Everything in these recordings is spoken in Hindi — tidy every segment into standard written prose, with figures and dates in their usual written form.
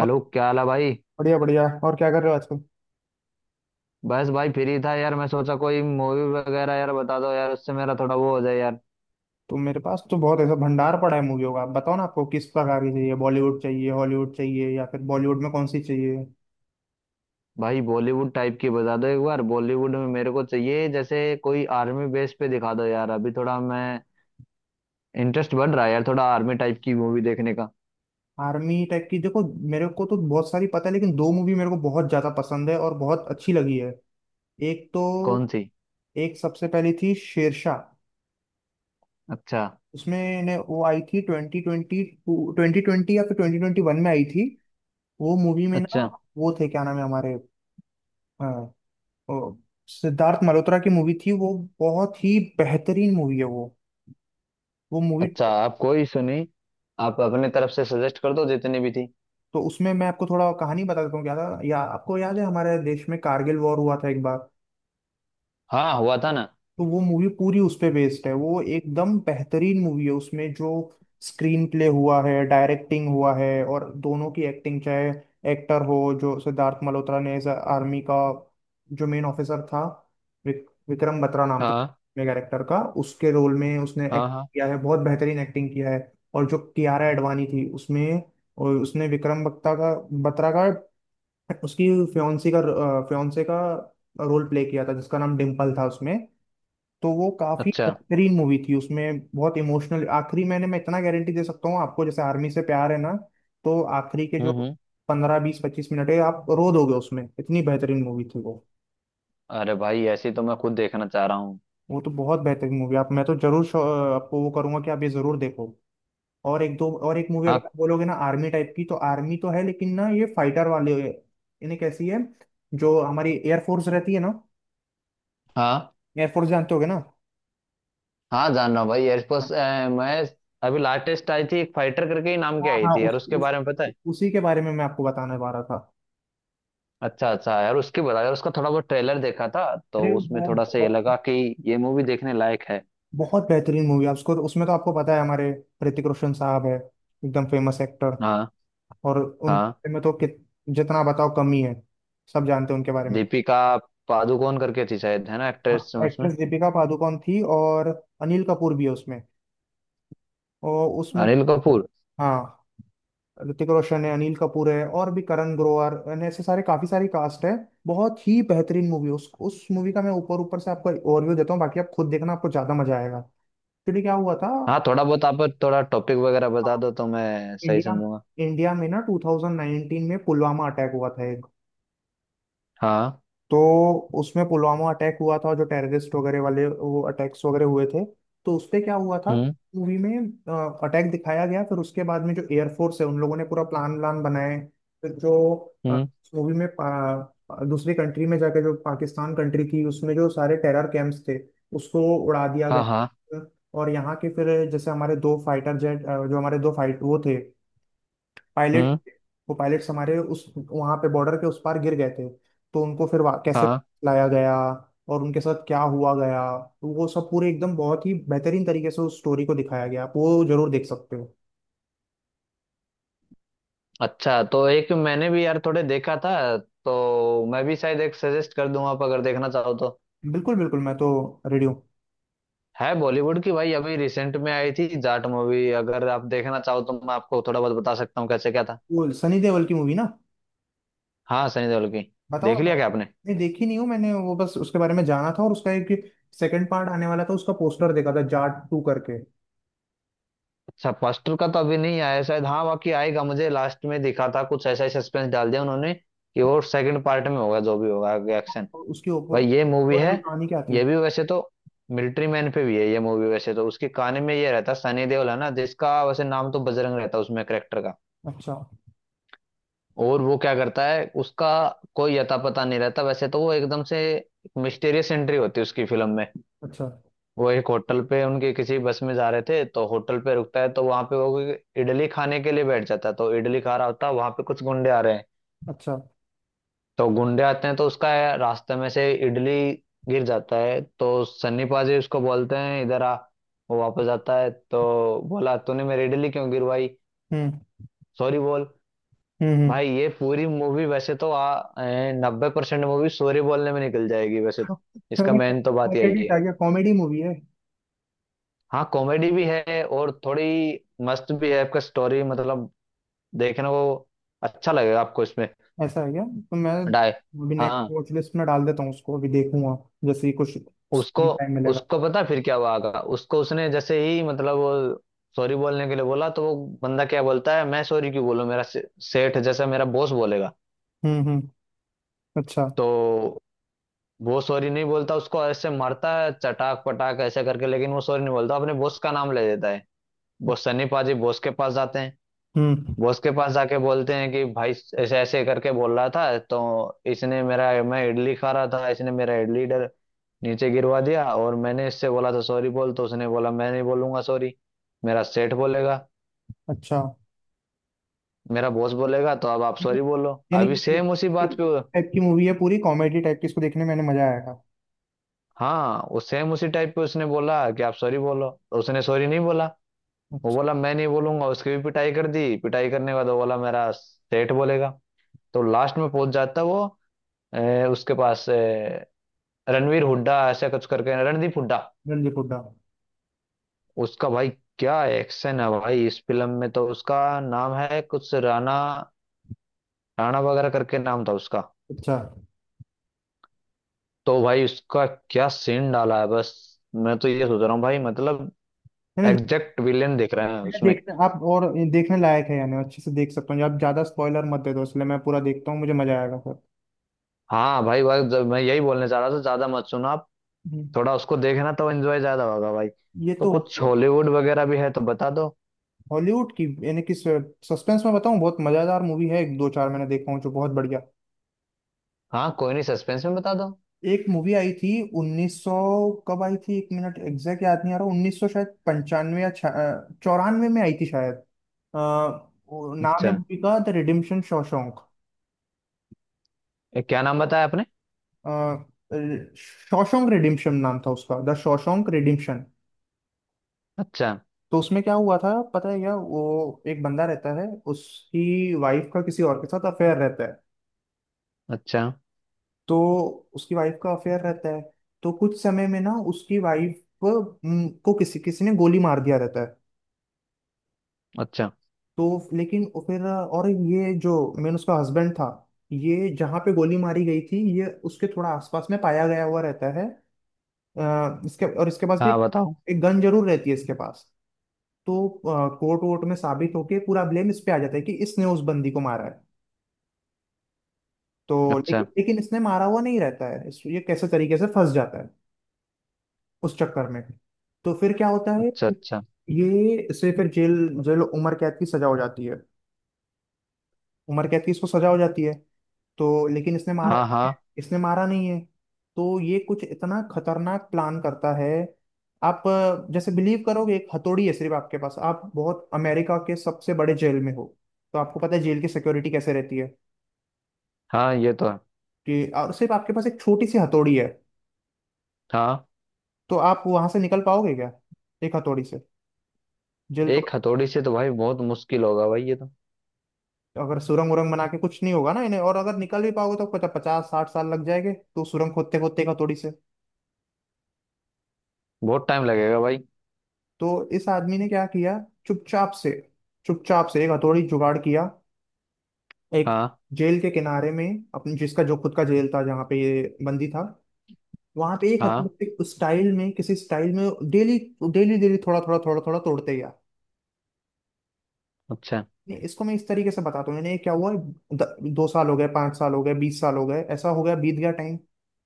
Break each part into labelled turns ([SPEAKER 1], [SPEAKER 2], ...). [SPEAKER 1] और।
[SPEAKER 2] क्या हाल है भाई।
[SPEAKER 1] बढ़िया बढ़िया। और क्या कर रहे हो आजकल?
[SPEAKER 2] बस भाई फ्री था यार, मैं सोचा कोई मूवी वगैरह यार बता दो यार, उससे मेरा थोड़ा वो हो जाए यार।
[SPEAKER 1] तो मेरे पास तो बहुत ऐसा भंडार पड़ा है मूवियों का। आप बताओ ना, आपको किस प्रकार की चाहिए? बॉलीवुड चाहिए, हॉलीवुड चाहिए, या फिर बॉलीवुड में कौन सी चाहिए?
[SPEAKER 2] भाई बॉलीवुड टाइप की बता दो एक बार। बॉलीवुड में मेरे को चाहिए जैसे कोई आर्मी बेस पे दिखा दो यार, अभी थोड़ा मैं इंटरेस्ट बढ़ रहा है यार, थोड़ा आर्मी टाइप की मूवी देखने का।
[SPEAKER 1] आर्मी टाइप की? देखो, मेरे को तो बहुत सारी पता है लेकिन दो मूवी मेरे को बहुत ज्यादा पसंद है और बहुत अच्छी लगी है। एक तो,
[SPEAKER 2] कौन सी?
[SPEAKER 1] एक सबसे पहली थी शेरशाह।
[SPEAKER 2] अच्छा।
[SPEAKER 1] उसमें ने वो आई थी ट्वेंटी ट्वेंटी, ट्वेंटी ट्वेंटी या फिर ट्वेंटी ट्वेंटी वन में आई थी। वो मूवी में ना,
[SPEAKER 2] अच्छा।
[SPEAKER 1] वो थे क्या नाम है हमारे, अ, सिद्धार्थ मल्होत्रा की मूवी थी वो। बहुत ही बेहतरीन मूवी है वो। वो मूवी
[SPEAKER 2] अच्छा,
[SPEAKER 1] तो
[SPEAKER 2] आप कोई सुनी, आप अपने तरफ से सजेस्ट कर दो जितनी भी थी।
[SPEAKER 1] तो उसमें मैं आपको थोड़ा कहानी बता देता हूँ क्या था। या आपको याद है, हमारे देश में कारगिल वॉर हुआ था एक बार?
[SPEAKER 2] हाँ हुआ था ना।
[SPEAKER 1] तो वो मूवी पूरी उस पे बेस्ड है। वो एकदम बेहतरीन मूवी है। उसमें जो स्क्रीन प्ले हुआ है, डायरेक्टिंग हुआ है, और दोनों की एक्टिंग, चाहे एक्टर हो, जो सिद्धार्थ मल्होत्रा ने एज आर्मी का जो मेन ऑफिसर था, विक्रम बत्रा नाम था
[SPEAKER 2] हाँ।
[SPEAKER 1] कैरेक्टर का, उसके रोल में उसने एक्ट
[SPEAKER 2] हाँ। हाँ।
[SPEAKER 1] किया है, बहुत बेहतरीन एक्टिंग किया है। और जो कियारा एडवानी थी उसमें, और उसने विक्रम बत्रा का, उसकी फ्योन्सी का फ्योन्से का रोल प्ले किया था जिसका नाम डिम्पल था उसमें। तो वो काफी
[SPEAKER 2] अच्छा।
[SPEAKER 1] बेहतरीन मूवी थी, उसमें बहुत इमोशनल आखिरी, मैं इतना गारंटी दे सकता हूँ आपको, जैसे आर्मी से प्यार है ना। तो आखिरी के
[SPEAKER 2] हम्म।
[SPEAKER 1] जो
[SPEAKER 2] हम्म।
[SPEAKER 1] 15 20 25 मिनट है, आप रो दोगे उसमें, इतनी बेहतरीन मूवी थी वो।
[SPEAKER 2] अरे भाई ऐसी तो मैं खुद देखना चाह रहा हूँ।
[SPEAKER 1] वो तो बहुत बेहतरीन मूवी। आप मैं तो जरूर आपको वो करूंगा कि आप ये जरूर देखो। और एक दो और एक मूवी
[SPEAKER 2] हाँ।
[SPEAKER 1] अगर आप बोलोगे ना आर्मी टाइप की, तो आर्मी तो है, लेकिन ना, ये फाइटर वाले, इन्हें कैसी है? जो हमारी एयरफोर्स रहती है ना,
[SPEAKER 2] हाँ।
[SPEAKER 1] एयरफोर्स जानते होगे ना?
[SPEAKER 2] हाँ जान रहा हूँ भाई एयरफोर्स। मैं अभी लाटेस्ट आई थी एक फाइटर करके ही नाम की
[SPEAKER 1] हाँ
[SPEAKER 2] आई
[SPEAKER 1] हाँ,
[SPEAKER 2] थी यार, उसके
[SPEAKER 1] उस
[SPEAKER 2] बारे में पता है?
[SPEAKER 1] उसी के बारे में मैं आपको बताने वाला था।
[SPEAKER 2] अच्छा अच्छा यार उसकी बता यार, उसका थोड़ा बहुत ट्रेलर देखा था, तो
[SPEAKER 1] अरे
[SPEAKER 2] उसमें
[SPEAKER 1] वो
[SPEAKER 2] थोड़ा सा ये
[SPEAKER 1] बहुत
[SPEAKER 2] लगा कि ये मूवी देखने लायक है।
[SPEAKER 1] बहुत बेहतरीन मूवी है उसको। उसमें तो आपको पता है, हमारे ऋतिक रोशन साहब है, एकदम फेमस एक्टर।
[SPEAKER 2] हाँ।
[SPEAKER 1] और
[SPEAKER 2] हाँ।
[SPEAKER 1] उनके में तो जितना बताओ कम ही है, सब जानते हैं उनके बारे में।
[SPEAKER 2] दीपिका पादुकोण करके थी शायद, है ना एक्ट्रेस
[SPEAKER 1] हाँ,
[SPEAKER 2] उसमें?
[SPEAKER 1] एक्ट्रेस दीपिका पादुकोण थी, और अनिल कपूर भी है उसमें। और उसमें
[SPEAKER 2] अनिल कपूर।
[SPEAKER 1] हाँ, ऋतिक रोशन है, अनिल कपूर है, और भी करण ग्रोवर, यानी ऐसे सारे, काफी सारी कास्ट है। बहुत ही बेहतरीन मूवी। उस मूवी का मैं ऊपर ऊपर से आपको ओवरव्यू देता हूँ, बाकी आप खुद देखना, आपको ज्यादा मजा आएगा। एक्चुअली क्या हुआ था?
[SPEAKER 2] हाँ, थोड़ा बहुत आप थोड़ा टॉपिक वगैरह बता दो तो मैं सही
[SPEAKER 1] इंडिया
[SPEAKER 2] समझूंगा।
[SPEAKER 1] इंडिया में ना 2019 में पुलवामा अटैक हुआ था एक।
[SPEAKER 2] हाँ।
[SPEAKER 1] तो उसमें पुलवामा अटैक हुआ था, जो टेररिस्ट वगैरह वाले वो अटैक्स वगैरह हुए थे। तो उसपे क्या हुआ था
[SPEAKER 2] हम्म।
[SPEAKER 1] मूवी में? अटैक दिखाया गया, फिर उसके बाद में जो एयरफोर्स है उन लोगों ने पूरा प्लान व्लान बनाए। फिर जो
[SPEAKER 2] हम्म।
[SPEAKER 1] मूवी में दूसरी कंट्री में जाके, जो पाकिस्तान कंट्री थी, उसमें जो सारे टेरर कैंप्स थे, उसको उड़ा दिया
[SPEAKER 2] हाँ। हाँ।
[SPEAKER 1] गया। और यहाँ के फिर, जैसे हमारे दो फाइटर जेट, जो हमारे दो फाइट वो थे, पायलट,
[SPEAKER 2] हम्म।
[SPEAKER 1] वो पायलट्स हमारे उस वहां पे बॉर्डर के उस पार गिर गए थे। तो उनको फिर कैसे
[SPEAKER 2] हाँ।
[SPEAKER 1] लाया गया और उनके साथ क्या हुआ गया, तो वो सब पूरे एकदम बहुत ही बेहतरीन तरीके से उस स्टोरी को दिखाया गया। आप वो जरूर देख सकते हो।
[SPEAKER 2] अच्छा तो एक मैंने भी यार थोड़े देखा था, तो मैं भी शायद एक सजेस्ट कर दूंगा आप अगर देखना चाहो तो।
[SPEAKER 1] बिल्कुल बिल्कुल, मैं तो रेडी हूँ।
[SPEAKER 2] है बॉलीवुड की भाई, अभी रिसेंट में आई थी जाट मूवी, अगर आप देखना चाहो तो मैं आपको थोड़ा बहुत बता सकता हूँ कैसे क्या था।
[SPEAKER 1] वो सनी देओल की मूवी ना?
[SPEAKER 2] हाँ सनी देओल की।
[SPEAKER 1] बताओ ना
[SPEAKER 2] देख
[SPEAKER 1] मैं।
[SPEAKER 2] लिया क्या आपने?
[SPEAKER 1] नहीं, देखी नहीं हूँ मैंने वो, बस उसके बारे में जाना था। और उसका एक सेकंड पार्ट आने वाला था, उसका पोस्टर देखा था जाट टू करके।
[SPEAKER 2] अच्छा, फर्स्ट का तो अभी नहीं आया शायद, हाँ बाकी आएगा। मुझे लास्ट में दिखा था कुछ ऐसा ही, सस्पेंस डाल दिया उन्होंने कि वो सेकंड पार्ट में होगा जो भी होगा एक्शन।
[SPEAKER 1] और उसकी
[SPEAKER 2] भाई ये मूवी है,
[SPEAKER 1] ओवरऑल कहानी क्या थी?
[SPEAKER 2] ये भी वैसे तो मिलिट्री मैन पे भी है ये मूवी। वैसे तो उसके कहानी में ये रहता है सनी देओल है ना, जिसका वैसे नाम तो बजरंग रहता है उसमें करेक्टर का।
[SPEAKER 1] अच्छा।
[SPEAKER 2] और वो क्या करता है उसका कोई अता पता नहीं रहता वैसे तो, वो एकदम से मिस्टीरियस एंट्री होती है उसकी फिल्म में।
[SPEAKER 1] अच्छा।
[SPEAKER 2] वो एक होटल पे, उनके किसी बस में जा रहे थे तो होटल पे रुकता है, तो वहां पे वो कोई इडली खाने के लिए बैठ जाता है। तो इडली खा रहा होता है वहां पे, कुछ गुंडे आ रहे हैं।
[SPEAKER 1] अच्छा।
[SPEAKER 2] तो गुंडे आते हैं तो उसका रास्ते में से इडली गिर जाता है। तो सन्नी पाजी उसको बोलते हैं इधर आ। वो वापस आता है तो बोला तूने मेरी इडली क्यों गिरवाई,
[SPEAKER 1] हम्म।
[SPEAKER 2] सॉरी बोल।
[SPEAKER 1] हम्म। हम्म।
[SPEAKER 2] भाई ये पूरी मूवी वैसे तो आ 90% मूवी सॉरी बोलने में निकल जाएगी वैसे तो। इसका
[SPEAKER 1] पहले
[SPEAKER 2] मेन तो बात यही
[SPEAKER 1] कॉमेडी
[SPEAKER 2] है।
[SPEAKER 1] आ गया, कॉमेडी मूवी है?
[SPEAKER 2] हाँ कॉमेडी भी है और थोड़ी मस्त भी है, आपका स्टोरी मतलब देखने को अच्छा लगेगा आपको इसमें।
[SPEAKER 1] ऐसा है क्या? तो मैं
[SPEAKER 2] डाय।
[SPEAKER 1] अभी नेक्स्ट
[SPEAKER 2] हाँ
[SPEAKER 1] वॉच लिस्ट में डाल देता हूँ उसको, अभी देखूंगा जैसे ही कुछ
[SPEAKER 2] उसको
[SPEAKER 1] टाइम मिलेगा।
[SPEAKER 2] उसको पता फिर क्या हुआ आगा। उसको उसने जैसे ही मतलब वो सॉरी बोलने के लिए बोला, तो वो बंदा क्या बोलता है, मैं सॉरी क्यों बोलूं, सेठ जैसा, मेरा बॉस बोलेगा।
[SPEAKER 1] हम्म। हम्म। अच्छा।
[SPEAKER 2] तो वो सॉरी नहीं बोलता, उसको ऐसे मारता है चटाक पटाक ऐसे करके, लेकिन वो सॉरी नहीं बोलता, अपने बॉस का नाम ले देता है। वो सनी पाजी बॉस के पास जाते हैं।
[SPEAKER 1] हम्म।
[SPEAKER 2] बॉस के पास जाके बोलते हैं कि भाई ऐसे ऐसे करके बोल रहा था, तो इसने मेरा मैं इडली खा रहा था, इसने मेरा इडली डर नीचे गिरवा दिया, और मैंने इससे बोला था सॉरी बोल, तो उसने बोला मैं नहीं बोलूंगा सॉरी, मेरा सेठ बोलेगा,
[SPEAKER 1] अच्छा।
[SPEAKER 2] मेरा बॉस बोलेगा, तो अब आप सॉरी बोलो।
[SPEAKER 1] यानी
[SPEAKER 2] अभी
[SPEAKER 1] ये-
[SPEAKER 2] सेम उसी
[SPEAKER 1] ये
[SPEAKER 2] बात पे।
[SPEAKER 1] टाइप की मूवी है, पूरी कॉमेडी टाइप की, इसको देखने में मैंने मजा आएगा।
[SPEAKER 2] हाँ उस सेम उसी टाइप पे उसने बोला कि आप सॉरी बोलो, तो उसने सॉरी नहीं बोला। वो
[SPEAKER 1] अच्छा।
[SPEAKER 2] बोला मैं नहीं बोलूंगा, उसकी भी पिटाई कर दी। पिटाई करने के बाद वो बोला मेरा सेठ बोलेगा। तो लास्ट में पहुंच जाता वो उसके पास। रणवीर हुड्डा ऐसा कुछ करके रणदीप हुड्डा
[SPEAKER 1] रणदीप हुड्डा।
[SPEAKER 2] उसका भाई। क्या एक्शन है भाई इस फिल्म में। तो उसका नाम है कुछ राणा, राणा वगैरह करके नाम था उसका।
[SPEAKER 1] अच्छा।
[SPEAKER 2] तो भाई उसका क्या सीन डाला है, बस मैं तो ये सोच रहा हूँ भाई मतलब
[SPEAKER 1] मैंने
[SPEAKER 2] एग्जैक्ट विलेन दिख रहे हैं
[SPEAKER 1] मैंने
[SPEAKER 2] उसमें।
[SPEAKER 1] देखने आप और, देखने लायक है यानी अच्छे से देख सकता हूँ। आप ज्यादा स्पॉइलर मत दे दो, इसलिए मैं पूरा देखता हूँ, मुझे मजा आएगा फिर।
[SPEAKER 2] हाँ भाई भाई जब मैं यही बोलने चाह रहा था, ज्यादा मत सुना आप,
[SPEAKER 1] हम्म,
[SPEAKER 2] थोड़ा उसको देखना तो एंजॉय ज्यादा होगा भाई।
[SPEAKER 1] ये
[SPEAKER 2] तो
[SPEAKER 1] तो
[SPEAKER 2] कुछ हॉलीवुड वगैरह भी है तो बता दो।
[SPEAKER 1] हॉलीवुड की, यानी कि सस्पेंस में बताऊं, बहुत मजेदार मूवी है। एक दो चार मैंने देखा हूँ जो बहुत बढ़िया।
[SPEAKER 2] हाँ कोई नहीं, सस्पेंस में बता दो।
[SPEAKER 1] एक मूवी आई थी 1900, कब आई थी एक मिनट, एग्जैक्ट याद नहीं आ रहा, 1900 शायद 95 या 94 में आई थी शायद। वो नाम है
[SPEAKER 2] अच्छा,
[SPEAKER 1] मूवी का, द रिडिम्पशन शॉशोंक।
[SPEAKER 2] क्या नाम बताया आपने?
[SPEAKER 1] शॉशोंक रिडिम्पशन नाम था उसका, द शॉशोंक रिडिम्पशन।
[SPEAKER 2] अच्छा।
[SPEAKER 1] तो उसमें क्या हुआ था पता है क्या? वो एक बंदा रहता है, उसकी वाइफ का किसी और के साथ अफेयर रहता है।
[SPEAKER 2] अच्छा।
[SPEAKER 1] तो उसकी वाइफ का अफेयर रहता है। तो कुछ समय में ना उसकी वाइफ को किसी किसी ने गोली मार दिया रहता है।
[SPEAKER 2] अच्छा।
[SPEAKER 1] तो लेकिन वो फिर, और ये जो मेन उसका हस्बैंड था, ये जहाँ पे गोली मारी गई थी, ये उसके थोड़ा आसपास में पाया गया हुआ रहता है। इसके पास भी
[SPEAKER 2] हाँ
[SPEAKER 1] एक
[SPEAKER 2] बताओ।
[SPEAKER 1] एक गन जरूर रहती है इसके पास। तो कोर्ट वोर्ट में साबित होके पूरा ब्लेम इस पे आ जाता है कि इसने उस बंदी को मारा है। तो
[SPEAKER 2] अच्छा।
[SPEAKER 1] लेकिन लेकिन इसने मारा हुआ नहीं रहता है, ये कैसे तरीके से फंस जाता है उस चक्कर में। तो फिर क्या होता है?
[SPEAKER 2] अच्छा। अच्छा।
[SPEAKER 1] ये से फिर जेल जेल उम्र कैद की सजा हो जाती है, उम्र कैद की इसको सजा हो जाती है। तो लेकिन इसने मारा
[SPEAKER 2] हाँ।
[SPEAKER 1] नहीं है,
[SPEAKER 2] हाँ।
[SPEAKER 1] इसने मारा नहीं है। तो ये कुछ इतना खतरनाक प्लान करता है। आप जैसे बिलीव करोगे, एक हथौड़ी है सिर्फ आपके पास, आप बहुत, अमेरिका के सबसे बड़े जेल में हो, तो आपको पता है जेल की सिक्योरिटी कैसे रहती है,
[SPEAKER 2] हाँ ये तो है।
[SPEAKER 1] कि और सिर्फ आपके पास एक छोटी सी हथौड़ी है,
[SPEAKER 2] हाँ
[SPEAKER 1] तो आप वहां से निकल पाओगे क्या, एक हथौड़ी से जेल तो?
[SPEAKER 2] एक हथौड़ी से तो भाई बहुत मुश्किल होगा भाई ये तो,
[SPEAKER 1] अगर सुरंग उरंग बना के कुछ नहीं होगा ना इन्हें, और अगर निकल भी पाओगे तो पता 50 60 साल लग जाएंगे, तो सुरंग खोदते खोदते एक हथौड़ी से।
[SPEAKER 2] बहुत टाइम लगेगा भाई।
[SPEAKER 1] तो इस आदमी ने क्या किया, चुपचाप से, चुपचाप से एक हथौड़ी जुगाड़ किया। एक
[SPEAKER 2] हाँ।
[SPEAKER 1] जेल के किनारे में, अपने जिसका जो खुद का जेल था जहाँ पे ये बंदी था, वहां पे एक हथौड़ी
[SPEAKER 2] हाँ।
[SPEAKER 1] से उस स्टाइल में, किसी स्टाइल में डेली डेली डेली थोड़ा थोड़ा थोड़ा थोड़ा तोड़ते गया।
[SPEAKER 2] अच्छा।
[SPEAKER 1] नहीं, इसको मैं इस तरीके से बताता हूँ, यानी क्या हुआ, 2 साल हो गए, 5 साल हो गए, 20 साल हो गए, ऐसा हो गया, बीत गया टाइम।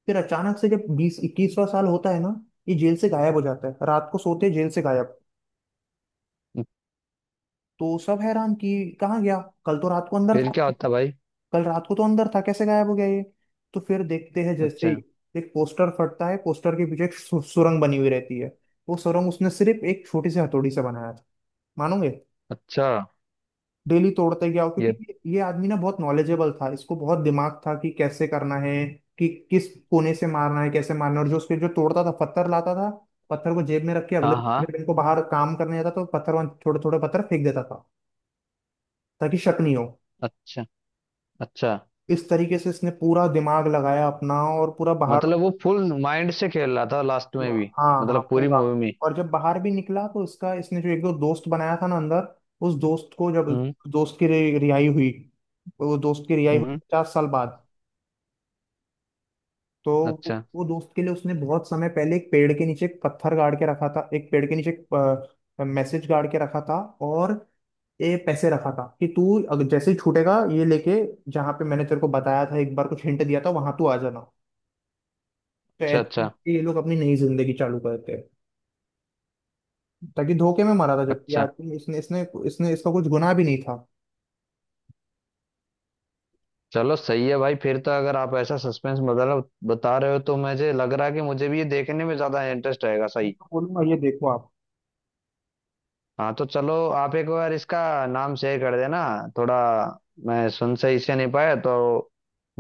[SPEAKER 1] फिर अचानक से जब बीस इक्कीसवां साल होता है ना, ये जेल से गायब हो जाता है, रात को सोते जेल से गायब। तो सब हैरान कि कहाँ गया, कल तो रात को अंदर
[SPEAKER 2] फिर
[SPEAKER 1] था,
[SPEAKER 2] क्या होता भाई?
[SPEAKER 1] कल रात को तो अंदर था, कैसे गायब हो गया ये? तो फिर देखते हैं, जैसे ही
[SPEAKER 2] अच्छा।
[SPEAKER 1] एक पोस्टर फटता है, पोस्टर के पीछे एक सुरंग बनी हुई रहती है। वो सुरंग उसने सिर्फ एक छोटी सी हथौड़ी से बनाया था, मानोगे?
[SPEAKER 2] अच्छा।
[SPEAKER 1] डेली तोड़ते गया,
[SPEAKER 2] ये।
[SPEAKER 1] क्योंकि ये आदमी ना बहुत नॉलेजेबल था, इसको बहुत दिमाग था कि कैसे करना है, कि किस कोने से मारना है, कैसे मारना है। और जो उसके जो तोड़ता था, पत्थर लाता था, पत्थर को जेब में रख के अगले
[SPEAKER 2] हाँ। हाँ।
[SPEAKER 1] अगले दिन को बाहर काम करने जाता, तो पत्थर वहां थोड़े थोड़े पत्थर फेंक देता था ताकि शक नहीं हो।
[SPEAKER 2] अच्छा। अच्छा।
[SPEAKER 1] इस तरीके से इसने पूरा दिमाग लगाया अपना, और पूरा बाहर,
[SPEAKER 2] मतलब वो फुल माइंड से खेल रहा था लास्ट में
[SPEAKER 1] पूरा,
[SPEAKER 2] भी,
[SPEAKER 1] हाँ हाँ,
[SPEAKER 2] मतलब पूरी
[SPEAKER 1] पूरा।
[SPEAKER 2] मूवी में।
[SPEAKER 1] और जब बाहर भी निकला, तो इसका इसने जो एक दो दोस्त बनाया था ना अंदर, उस दोस्त को जब
[SPEAKER 2] हम्म।
[SPEAKER 1] दोस्त की रिहाई हुई, वो दोस्त की रिहाई हुई
[SPEAKER 2] हम्म।
[SPEAKER 1] 50 साल बाद। तो वो
[SPEAKER 2] अच्छा।
[SPEAKER 1] वो दोस्त के लिए उसने बहुत समय पहले एक पेड़ के नीचे एक पत्थर गाड़ के रखा था, एक पेड़ के नीचे एक मैसेज गाड़ के रखा था। और ये पैसे रखा था कि तू, अगर जैसे ही छूटेगा, ये लेके जहाँ पे मैंने तेरे को बताया था एक बार, कुछ हिंट दिया था, वहां तू आ जाना। तो
[SPEAKER 2] अच्छा।
[SPEAKER 1] ऐसे
[SPEAKER 2] अच्छा।
[SPEAKER 1] ही ये लोग अपनी नई जिंदगी चालू करते हैं, ताकि, धोखे में मरा था जबकि
[SPEAKER 2] अच्छा।
[SPEAKER 1] आदमी, इसने इसने इसने इसका कुछ गुनाह भी नहीं था।
[SPEAKER 2] चलो सही है भाई। फिर तो अगर आप ऐसा सस्पेंस मतलब बता रहे हो तो मुझे लग रहा है कि मुझे भी ये देखने में ज्यादा इंटरेस्ट आएगा
[SPEAKER 1] मैं
[SPEAKER 2] सही।
[SPEAKER 1] तो बोलूंगा, ये देखो आप।
[SPEAKER 2] हाँ तो चलो आप एक बार इसका नाम शेयर कर देना थोड़ा, मैं सुन सही से नहीं पाया तो।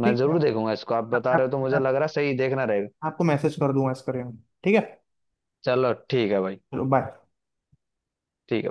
[SPEAKER 2] मैं
[SPEAKER 1] ठीक है।
[SPEAKER 2] जरूर देखूंगा इसको, आप
[SPEAKER 1] मैं-
[SPEAKER 2] बता
[SPEAKER 1] मैं-
[SPEAKER 2] रहे हो तो मुझे
[SPEAKER 1] मैं
[SPEAKER 2] लग रहा सही देखना रहेगा।
[SPEAKER 1] आपको मैसेज कर दूंगा इसके बारे में। ठीक है।
[SPEAKER 2] चलो ठीक है भाई।
[SPEAKER 1] चलो, बाय।
[SPEAKER 2] ठीक है।